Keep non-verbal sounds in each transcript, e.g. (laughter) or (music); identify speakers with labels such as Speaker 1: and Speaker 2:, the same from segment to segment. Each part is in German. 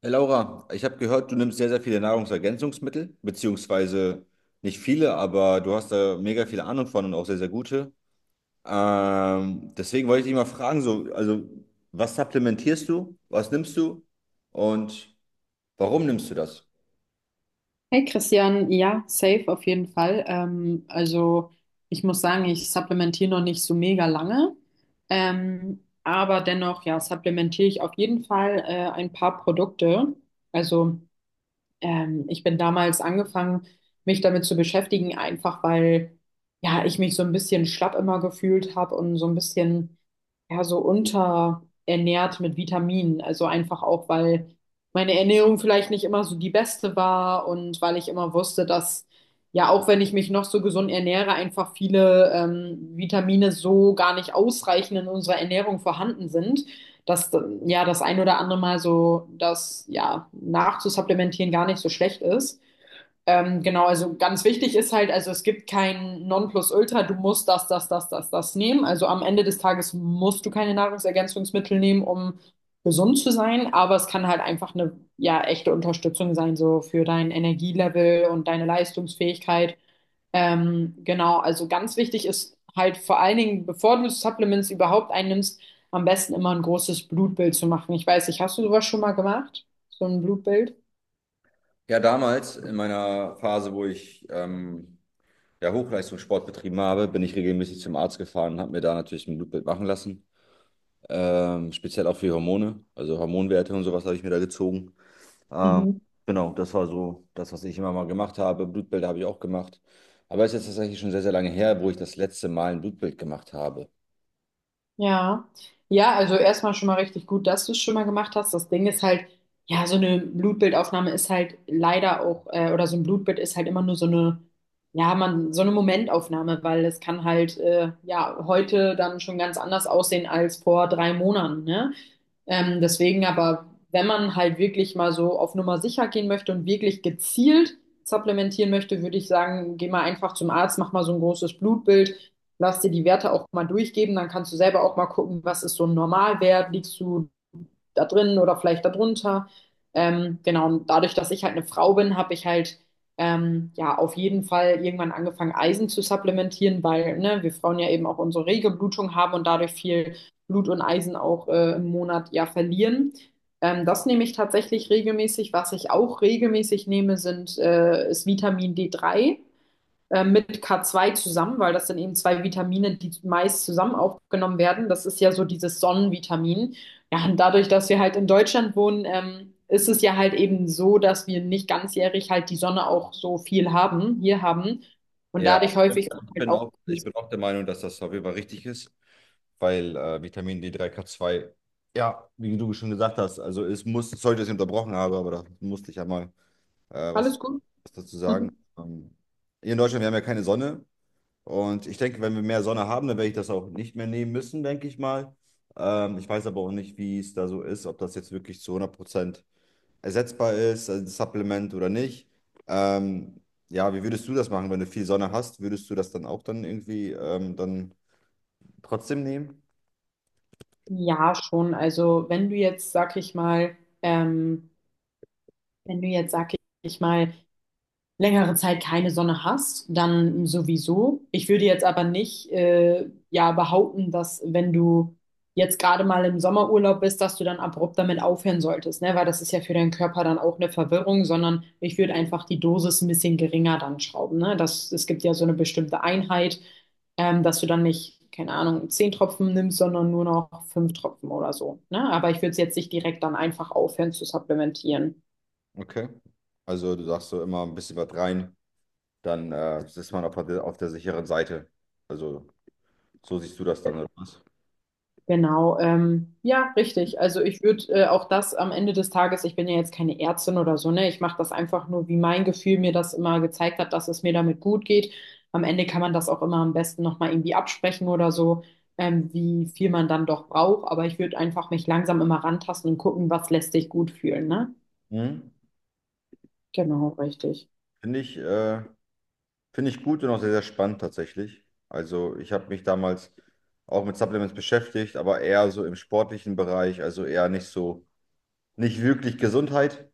Speaker 1: Hey Laura, ich habe gehört, du nimmst sehr, sehr viele Nahrungsergänzungsmittel, beziehungsweise nicht viele, aber du hast da mega viele Ahnung von und auch sehr, sehr gute. Deswegen wollte ich dich mal fragen, so, also was supplementierst du, was nimmst du und warum nimmst du das?
Speaker 2: Hey Christian, ja, safe auf jeden Fall. Also ich muss sagen, ich supplementiere noch nicht so mega lange, aber dennoch, ja, supplementiere ich auf jeden Fall ein paar Produkte. Also ich bin damals angefangen, mich damit zu beschäftigen, einfach weil ja, ich mich so ein bisschen schlapp immer gefühlt habe und so ein bisschen ja so unterernährt mit Vitaminen. Also einfach auch, weil meine Ernährung vielleicht nicht immer so die beste war und weil ich immer wusste, dass ja, auch wenn ich mich noch so gesund ernähre, einfach viele Vitamine so gar nicht ausreichend in unserer Ernährung vorhanden sind, dass ja das ein oder andere Mal so das ja nachzusupplementieren gar nicht so schlecht ist. Genau, also ganz wichtig ist halt, also es gibt kein Nonplusultra, du musst das, das, das, das, das nehmen. Also am Ende des Tages musst du keine Nahrungsergänzungsmittel nehmen, um gesund zu sein, aber es kann halt einfach eine ja echte Unterstützung sein, so für dein Energielevel und deine Leistungsfähigkeit. Genau, also ganz wichtig ist halt vor allen Dingen, bevor du Supplements überhaupt einnimmst, am besten immer ein großes Blutbild zu machen. Ich weiß nicht, hast du sowas schon mal gemacht? So ein Blutbild?
Speaker 1: Ja, damals in meiner Phase, wo ich ja, Hochleistungssport betrieben habe, bin ich regelmäßig zum Arzt gefahren und habe mir da natürlich ein Blutbild machen lassen. Speziell auch für Hormone, also Hormonwerte und sowas habe ich mir da gezogen. Ähm,
Speaker 2: Mhm.
Speaker 1: genau, das war so das, was ich immer mal gemacht habe. Blutbild habe ich auch gemacht. Aber es ist jetzt tatsächlich schon sehr, sehr lange her, wo ich das letzte Mal ein Blutbild gemacht habe.
Speaker 2: Ja, ja, also erstmal schon mal richtig gut, dass du es schon mal gemacht hast. Das Ding ist halt, ja, so eine Blutbildaufnahme ist halt leider auch, oder so ein Blutbild ist halt immer nur so eine, ja, man, so eine Momentaufnahme, weil es kann halt, ja, heute dann schon ganz anders aussehen als vor drei Monaten, ne? Deswegen aber, wenn man halt wirklich mal so auf Nummer sicher gehen möchte und wirklich gezielt supplementieren möchte, würde ich sagen, geh mal einfach zum Arzt, mach mal so ein großes Blutbild, lass dir die Werte auch mal durchgeben, dann kannst du selber auch mal gucken, was ist so ein Normalwert, liegst du da drin oder vielleicht darunter. Genau, und dadurch, dass ich halt eine Frau bin, habe ich halt ja auf jeden Fall irgendwann angefangen, Eisen zu supplementieren, weil ne, wir Frauen ja eben auch unsere rege Blutung haben und dadurch viel Blut und Eisen auch im Monat ja verlieren. Das nehme ich tatsächlich regelmäßig. Was ich auch regelmäßig nehme, ist Vitamin D3 mit K2 zusammen, weil das sind eben zwei Vitamine, die meist zusammen aufgenommen werden. Das ist ja so dieses Sonnenvitamin. Ja, und dadurch, dass wir halt in Deutschland wohnen, ist es ja halt eben so, dass wir nicht ganzjährig halt die Sonne auch so viel hier haben. Und
Speaker 1: Ja,
Speaker 2: dadurch häufig
Speaker 1: ich
Speaker 2: halt
Speaker 1: bin
Speaker 2: auch.
Speaker 1: auch, ich bin auch der Meinung, dass das auf jeden Fall richtig ist, weil Vitamin D3, K2, ja, wie du schon gesagt hast, also es muss, sorry, dass ich unterbrochen habe, aber da musste ich ja mal
Speaker 2: Alles
Speaker 1: was,
Speaker 2: gut?
Speaker 1: was dazu sagen.
Speaker 2: (laughs)
Speaker 1: Ähm, hier in Deutschland, wir haben ja keine Sonne. Und ich denke, wenn wir mehr Sonne haben, dann werde ich das auch nicht mehr nehmen müssen, denke ich mal. Ich weiß aber auch nicht, wie es da so ist, ob das jetzt wirklich zu 100% ersetzbar ist, also ein Supplement oder nicht. Ähm, ja, wie würdest du das machen, wenn du viel Sonne hast? Würdest du das dann auch dann irgendwie dann trotzdem nehmen?
Speaker 2: Ja, schon. Also wenn du jetzt, sag ich mal, ähm, wenn du jetzt, sag ich mal, längere Zeit keine Sonne hast, dann sowieso. Ich würde jetzt aber nicht ja behaupten, dass wenn du jetzt gerade mal im Sommerurlaub bist, dass du dann abrupt damit aufhören solltest, ne? Weil das ist ja für deinen Körper dann auch eine Verwirrung, sondern ich würde einfach die Dosis ein bisschen geringer dann schrauben, ne? Es gibt ja so eine bestimmte Einheit, dass du dann nicht, keine Ahnung, zehn Tropfen nimmst, sondern nur noch fünf Tropfen oder so, ne? Aber ich würde es jetzt nicht direkt dann einfach aufhören zu supplementieren.
Speaker 1: Okay. Also du sagst so immer ein bisschen was rein, dann ist man auf der sicheren Seite. Also so siehst du das dann oder was?
Speaker 2: Genau, ja, richtig. Also ich würde auch das am Ende des Tages, ich bin ja jetzt keine Ärztin oder so, ne? Ich mache das einfach nur, wie mein Gefühl mir das immer gezeigt hat, dass es mir damit gut geht. Am Ende kann man das auch immer am besten nochmal irgendwie absprechen oder so, wie viel man dann doch braucht. Aber ich würde einfach mich langsam immer rantasten und gucken, was lässt sich gut fühlen, ne?
Speaker 1: Mhm.
Speaker 2: Genau, richtig.
Speaker 1: Finde ich äh, Finde ich gut und auch sehr, sehr spannend tatsächlich. Also ich habe mich damals auch mit Supplements beschäftigt, aber eher so im sportlichen Bereich, also eher nicht so, nicht wirklich Gesundheit,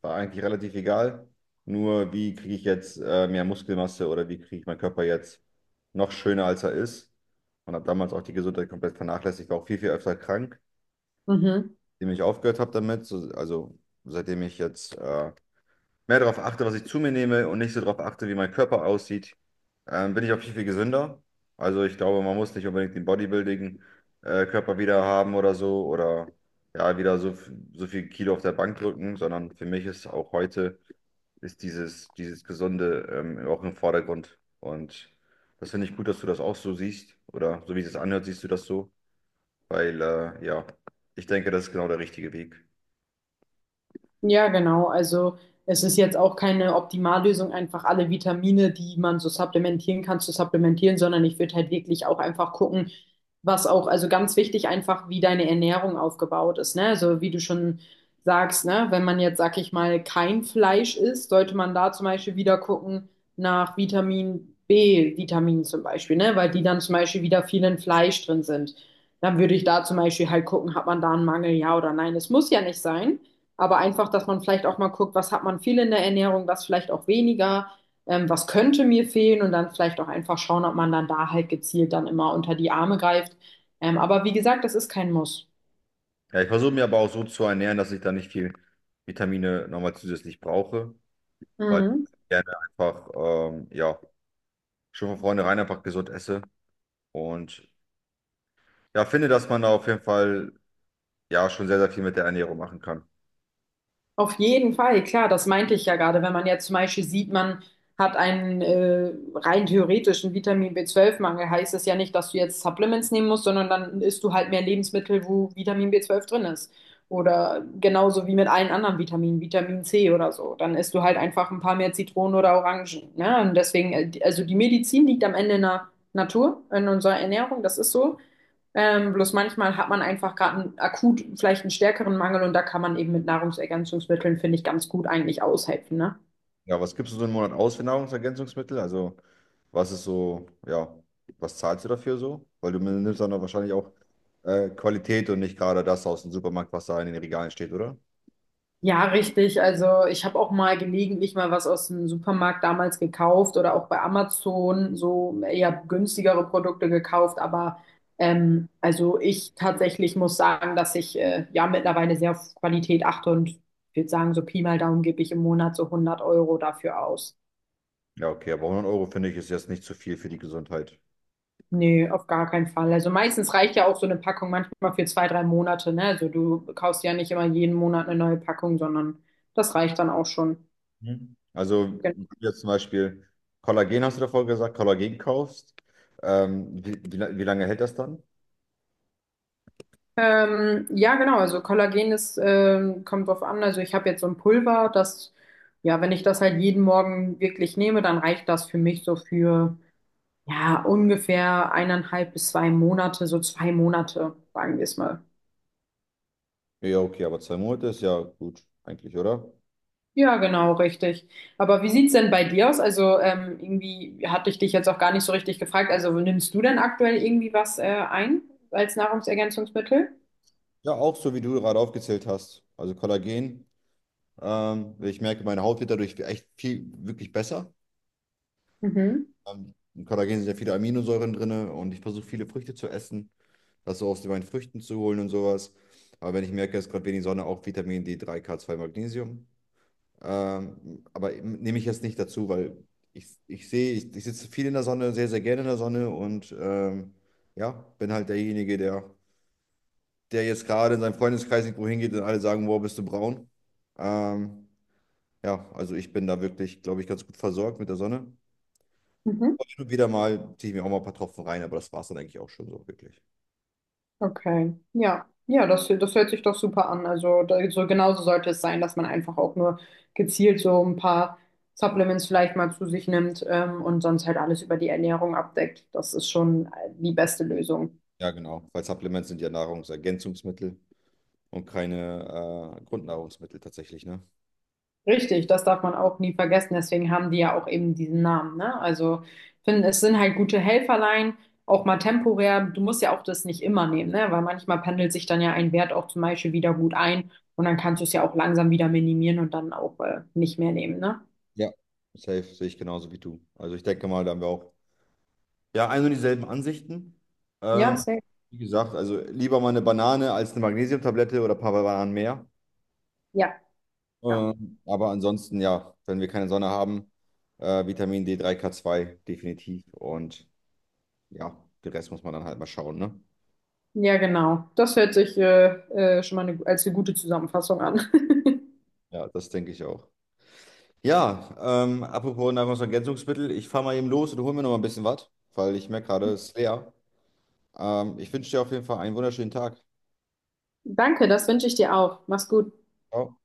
Speaker 1: war eigentlich relativ egal. Nur wie kriege ich jetzt mehr Muskelmasse oder wie kriege ich meinen Körper jetzt noch schöner, als er ist. Und habe damals auch die Gesundheit komplett vernachlässigt, war auch viel, viel öfter krank,
Speaker 2: Mhm.
Speaker 1: indem ich aufgehört habe damit. So, also seitdem ich jetzt mehr darauf achte, was ich zu mir nehme und nicht so darauf achte, wie mein Körper aussieht, bin ich auch viel, viel gesünder. Also ich glaube, man muss nicht unbedingt den Bodybuilding-Körper wieder haben oder so oder ja, wieder so, so viel Kilo auf der Bank drücken, sondern für mich ist auch heute ist dieses Gesunde auch im Vordergrund. Und das finde ich gut, dass du das auch so siehst oder so wie es sich anhört, siehst du das so, weil ja, ich denke, das ist genau der richtige Weg.
Speaker 2: Ja, genau. Also es ist jetzt auch keine Optimallösung, einfach alle Vitamine, die man so supplementieren kann, zu supplementieren, sondern ich würde halt wirklich auch einfach gucken, was auch, also ganz wichtig einfach, wie deine Ernährung aufgebaut ist, ne? Also wie du schon sagst, ne? Wenn man jetzt, sag ich mal, kein Fleisch isst, sollte man da zum Beispiel wieder gucken nach Vitamin B, Vitaminen zum Beispiel, ne? Weil die dann zum Beispiel wieder viel in Fleisch drin sind. Dann würde ich da zum Beispiel halt gucken, hat man da einen Mangel, ja oder nein. Es muss ja nicht sein. Aber einfach, dass man vielleicht auch mal guckt, was hat man viel in der Ernährung, was vielleicht auch weniger, was könnte mir fehlen und dann vielleicht auch einfach schauen, ob man dann da halt gezielt dann immer unter die Arme greift. Aber wie gesagt, das ist kein Muss.
Speaker 1: Ja, ich versuche mir aber auch so zu ernähren, dass ich da nicht viel Vitamine nochmal zusätzlich brauche, weil
Speaker 2: Mhm.
Speaker 1: ich gerne einfach, ja, schon von vornherein einfach gesund esse und ja, finde, dass man da auf jeden Fall ja schon sehr, sehr viel mit der Ernährung machen kann.
Speaker 2: Auf jeden Fall, klar, das meinte ich ja gerade. Wenn man jetzt zum Beispiel sieht, man hat einen rein theoretischen Vitamin B12-Mangel, heißt es ja nicht, dass du jetzt Supplements nehmen musst, sondern dann isst du halt mehr Lebensmittel, wo Vitamin B12 drin ist. Oder genauso wie mit allen anderen Vitaminen, Vitamin C oder so. Dann isst du halt einfach ein paar mehr Zitronen oder Orangen. Ne? Und deswegen, also die Medizin liegt am Ende in der Natur, in unserer Ernährung, das ist so. Bloß manchmal hat man einfach gerade akut vielleicht einen stärkeren Mangel und da kann man eben mit Nahrungsergänzungsmitteln, finde ich, ganz gut eigentlich aushelfen, ne?
Speaker 1: Ja, was gibst du so einen Monat aus für Nahrungsergänzungsmittel? Also, was ist so, ja, was zahlst du dafür so? Weil du nimmst dann doch wahrscheinlich auch Qualität und nicht gerade das aus dem Supermarkt, was da in den Regalen steht, oder?
Speaker 2: Ja, richtig. Also ich habe auch mal gelegentlich mal was aus dem Supermarkt damals gekauft oder auch bei Amazon so eher günstigere Produkte gekauft. Aber also ich tatsächlich muss sagen, dass ich ja mittlerweile sehr auf Qualität achte und ich würde sagen, so Pi mal Daumen gebe ich im Monat so 100 € dafür aus.
Speaker 1: Ja, okay, aber 100 € finde ich ist jetzt nicht zu viel für die Gesundheit.
Speaker 2: Nee, auf gar keinen Fall. Also meistens reicht ja auch so eine Packung manchmal für zwei, drei Monate, ne? Also du kaufst ja nicht immer jeden Monat eine neue Packung, sondern das reicht dann auch schon.
Speaker 1: Mhm. Also,
Speaker 2: Genau.
Speaker 1: wenn du jetzt zum Beispiel Kollagen, hast du davor gesagt, Kollagen kaufst, wie lange hält das dann?
Speaker 2: Ja, genau. Also Kollagen kommt drauf an. Also ich habe jetzt so ein Pulver, das, ja, wenn ich das halt jeden Morgen wirklich nehme, dann reicht das für mich so für, ja, ungefähr eineinhalb bis zwei Monate, so zwei Monate, sagen wir es mal.
Speaker 1: Ja, okay, aber 2 Monate ist ja gut, eigentlich, oder?
Speaker 2: Ja, genau, richtig. Aber wie sieht's denn bei dir aus? Also irgendwie hatte ich dich jetzt auch gar nicht so richtig gefragt. Also nimmst du denn aktuell irgendwie was ein als Nahrungsergänzungsmittel?
Speaker 1: Ja, auch so, wie du gerade aufgezählt hast. Also Kollagen, ich merke, meine Haut wird dadurch echt viel, wirklich besser.
Speaker 2: Mhm.
Speaker 1: In Kollagen sind ja viele Aminosäuren drin und ich versuche viele Früchte zu essen, das so aus meinen Früchten zu holen und sowas. Aber wenn ich merke, es ist gerade wenig Sonne, auch Vitamin D3, K2, Magnesium. Aber nehme ich jetzt nicht dazu, weil ich sehe, ich sitze viel in der Sonne, sehr, sehr gerne in der Sonne und ja, bin halt derjenige, der jetzt gerade in seinem Freundeskreis irgendwo hingeht und alle sagen, wow, bist du braun. Ähm, ja, also ich bin da wirklich, glaube ich, ganz gut versorgt mit der Sonne.
Speaker 2: Mhm.
Speaker 1: Aber hin und wieder mal ziehe ich mir auch mal ein paar Tropfen rein, aber das war es dann eigentlich auch schon so wirklich.
Speaker 2: Okay. Ja. Ja, das hört sich doch super an. Also da, so genauso sollte es sein, dass man einfach auch nur gezielt so ein paar Supplements vielleicht mal zu sich nimmt, und sonst halt alles über die Ernährung abdeckt. Das ist schon die beste Lösung.
Speaker 1: Ja, genau, weil Supplements sind ja Nahrungsergänzungsmittel und keine Grundnahrungsmittel tatsächlich, ne?
Speaker 2: Richtig, das darf man auch nie vergessen. Deswegen haben die ja auch eben diesen Namen, ne? Also, ich finde, es sind halt gute Helferlein, auch mal temporär. Du musst ja auch das nicht immer nehmen, ne? Weil manchmal pendelt sich dann ja ein Wert auch zum Beispiel wieder gut ein und dann kannst du es ja auch langsam wieder minimieren und dann auch nicht mehr nehmen, ne?
Speaker 1: Ja, safe sehe ich genauso wie du. Also ich denke mal, da haben wir auch ja ein und dieselben Ansichten.
Speaker 2: Ja,
Speaker 1: Ähm,
Speaker 2: safe.
Speaker 1: wie gesagt, also lieber mal eine Banane als eine Magnesiumtablette oder ein paar Bananen mehr.
Speaker 2: Ja, ja.
Speaker 1: Aber ansonsten, ja, wenn wir keine Sonne haben, Vitamin D3, K2 definitiv. Und ja, den Rest muss man dann halt mal schauen, ne?
Speaker 2: Ja, genau. Das hört sich schon mal als eine gute Zusammenfassung an.
Speaker 1: Ja, das denke ich auch. Ja, apropos Nahrungsergänzungsmittel, ich fahre mal eben los und hole mir noch mal ein bisschen was, weil ich merke gerade, es ist leer. Ich wünsche dir auf jeden Fall einen wunderschönen Tag.
Speaker 2: (laughs) Danke, das wünsche ich dir auch. Mach's gut.
Speaker 1: Ciao.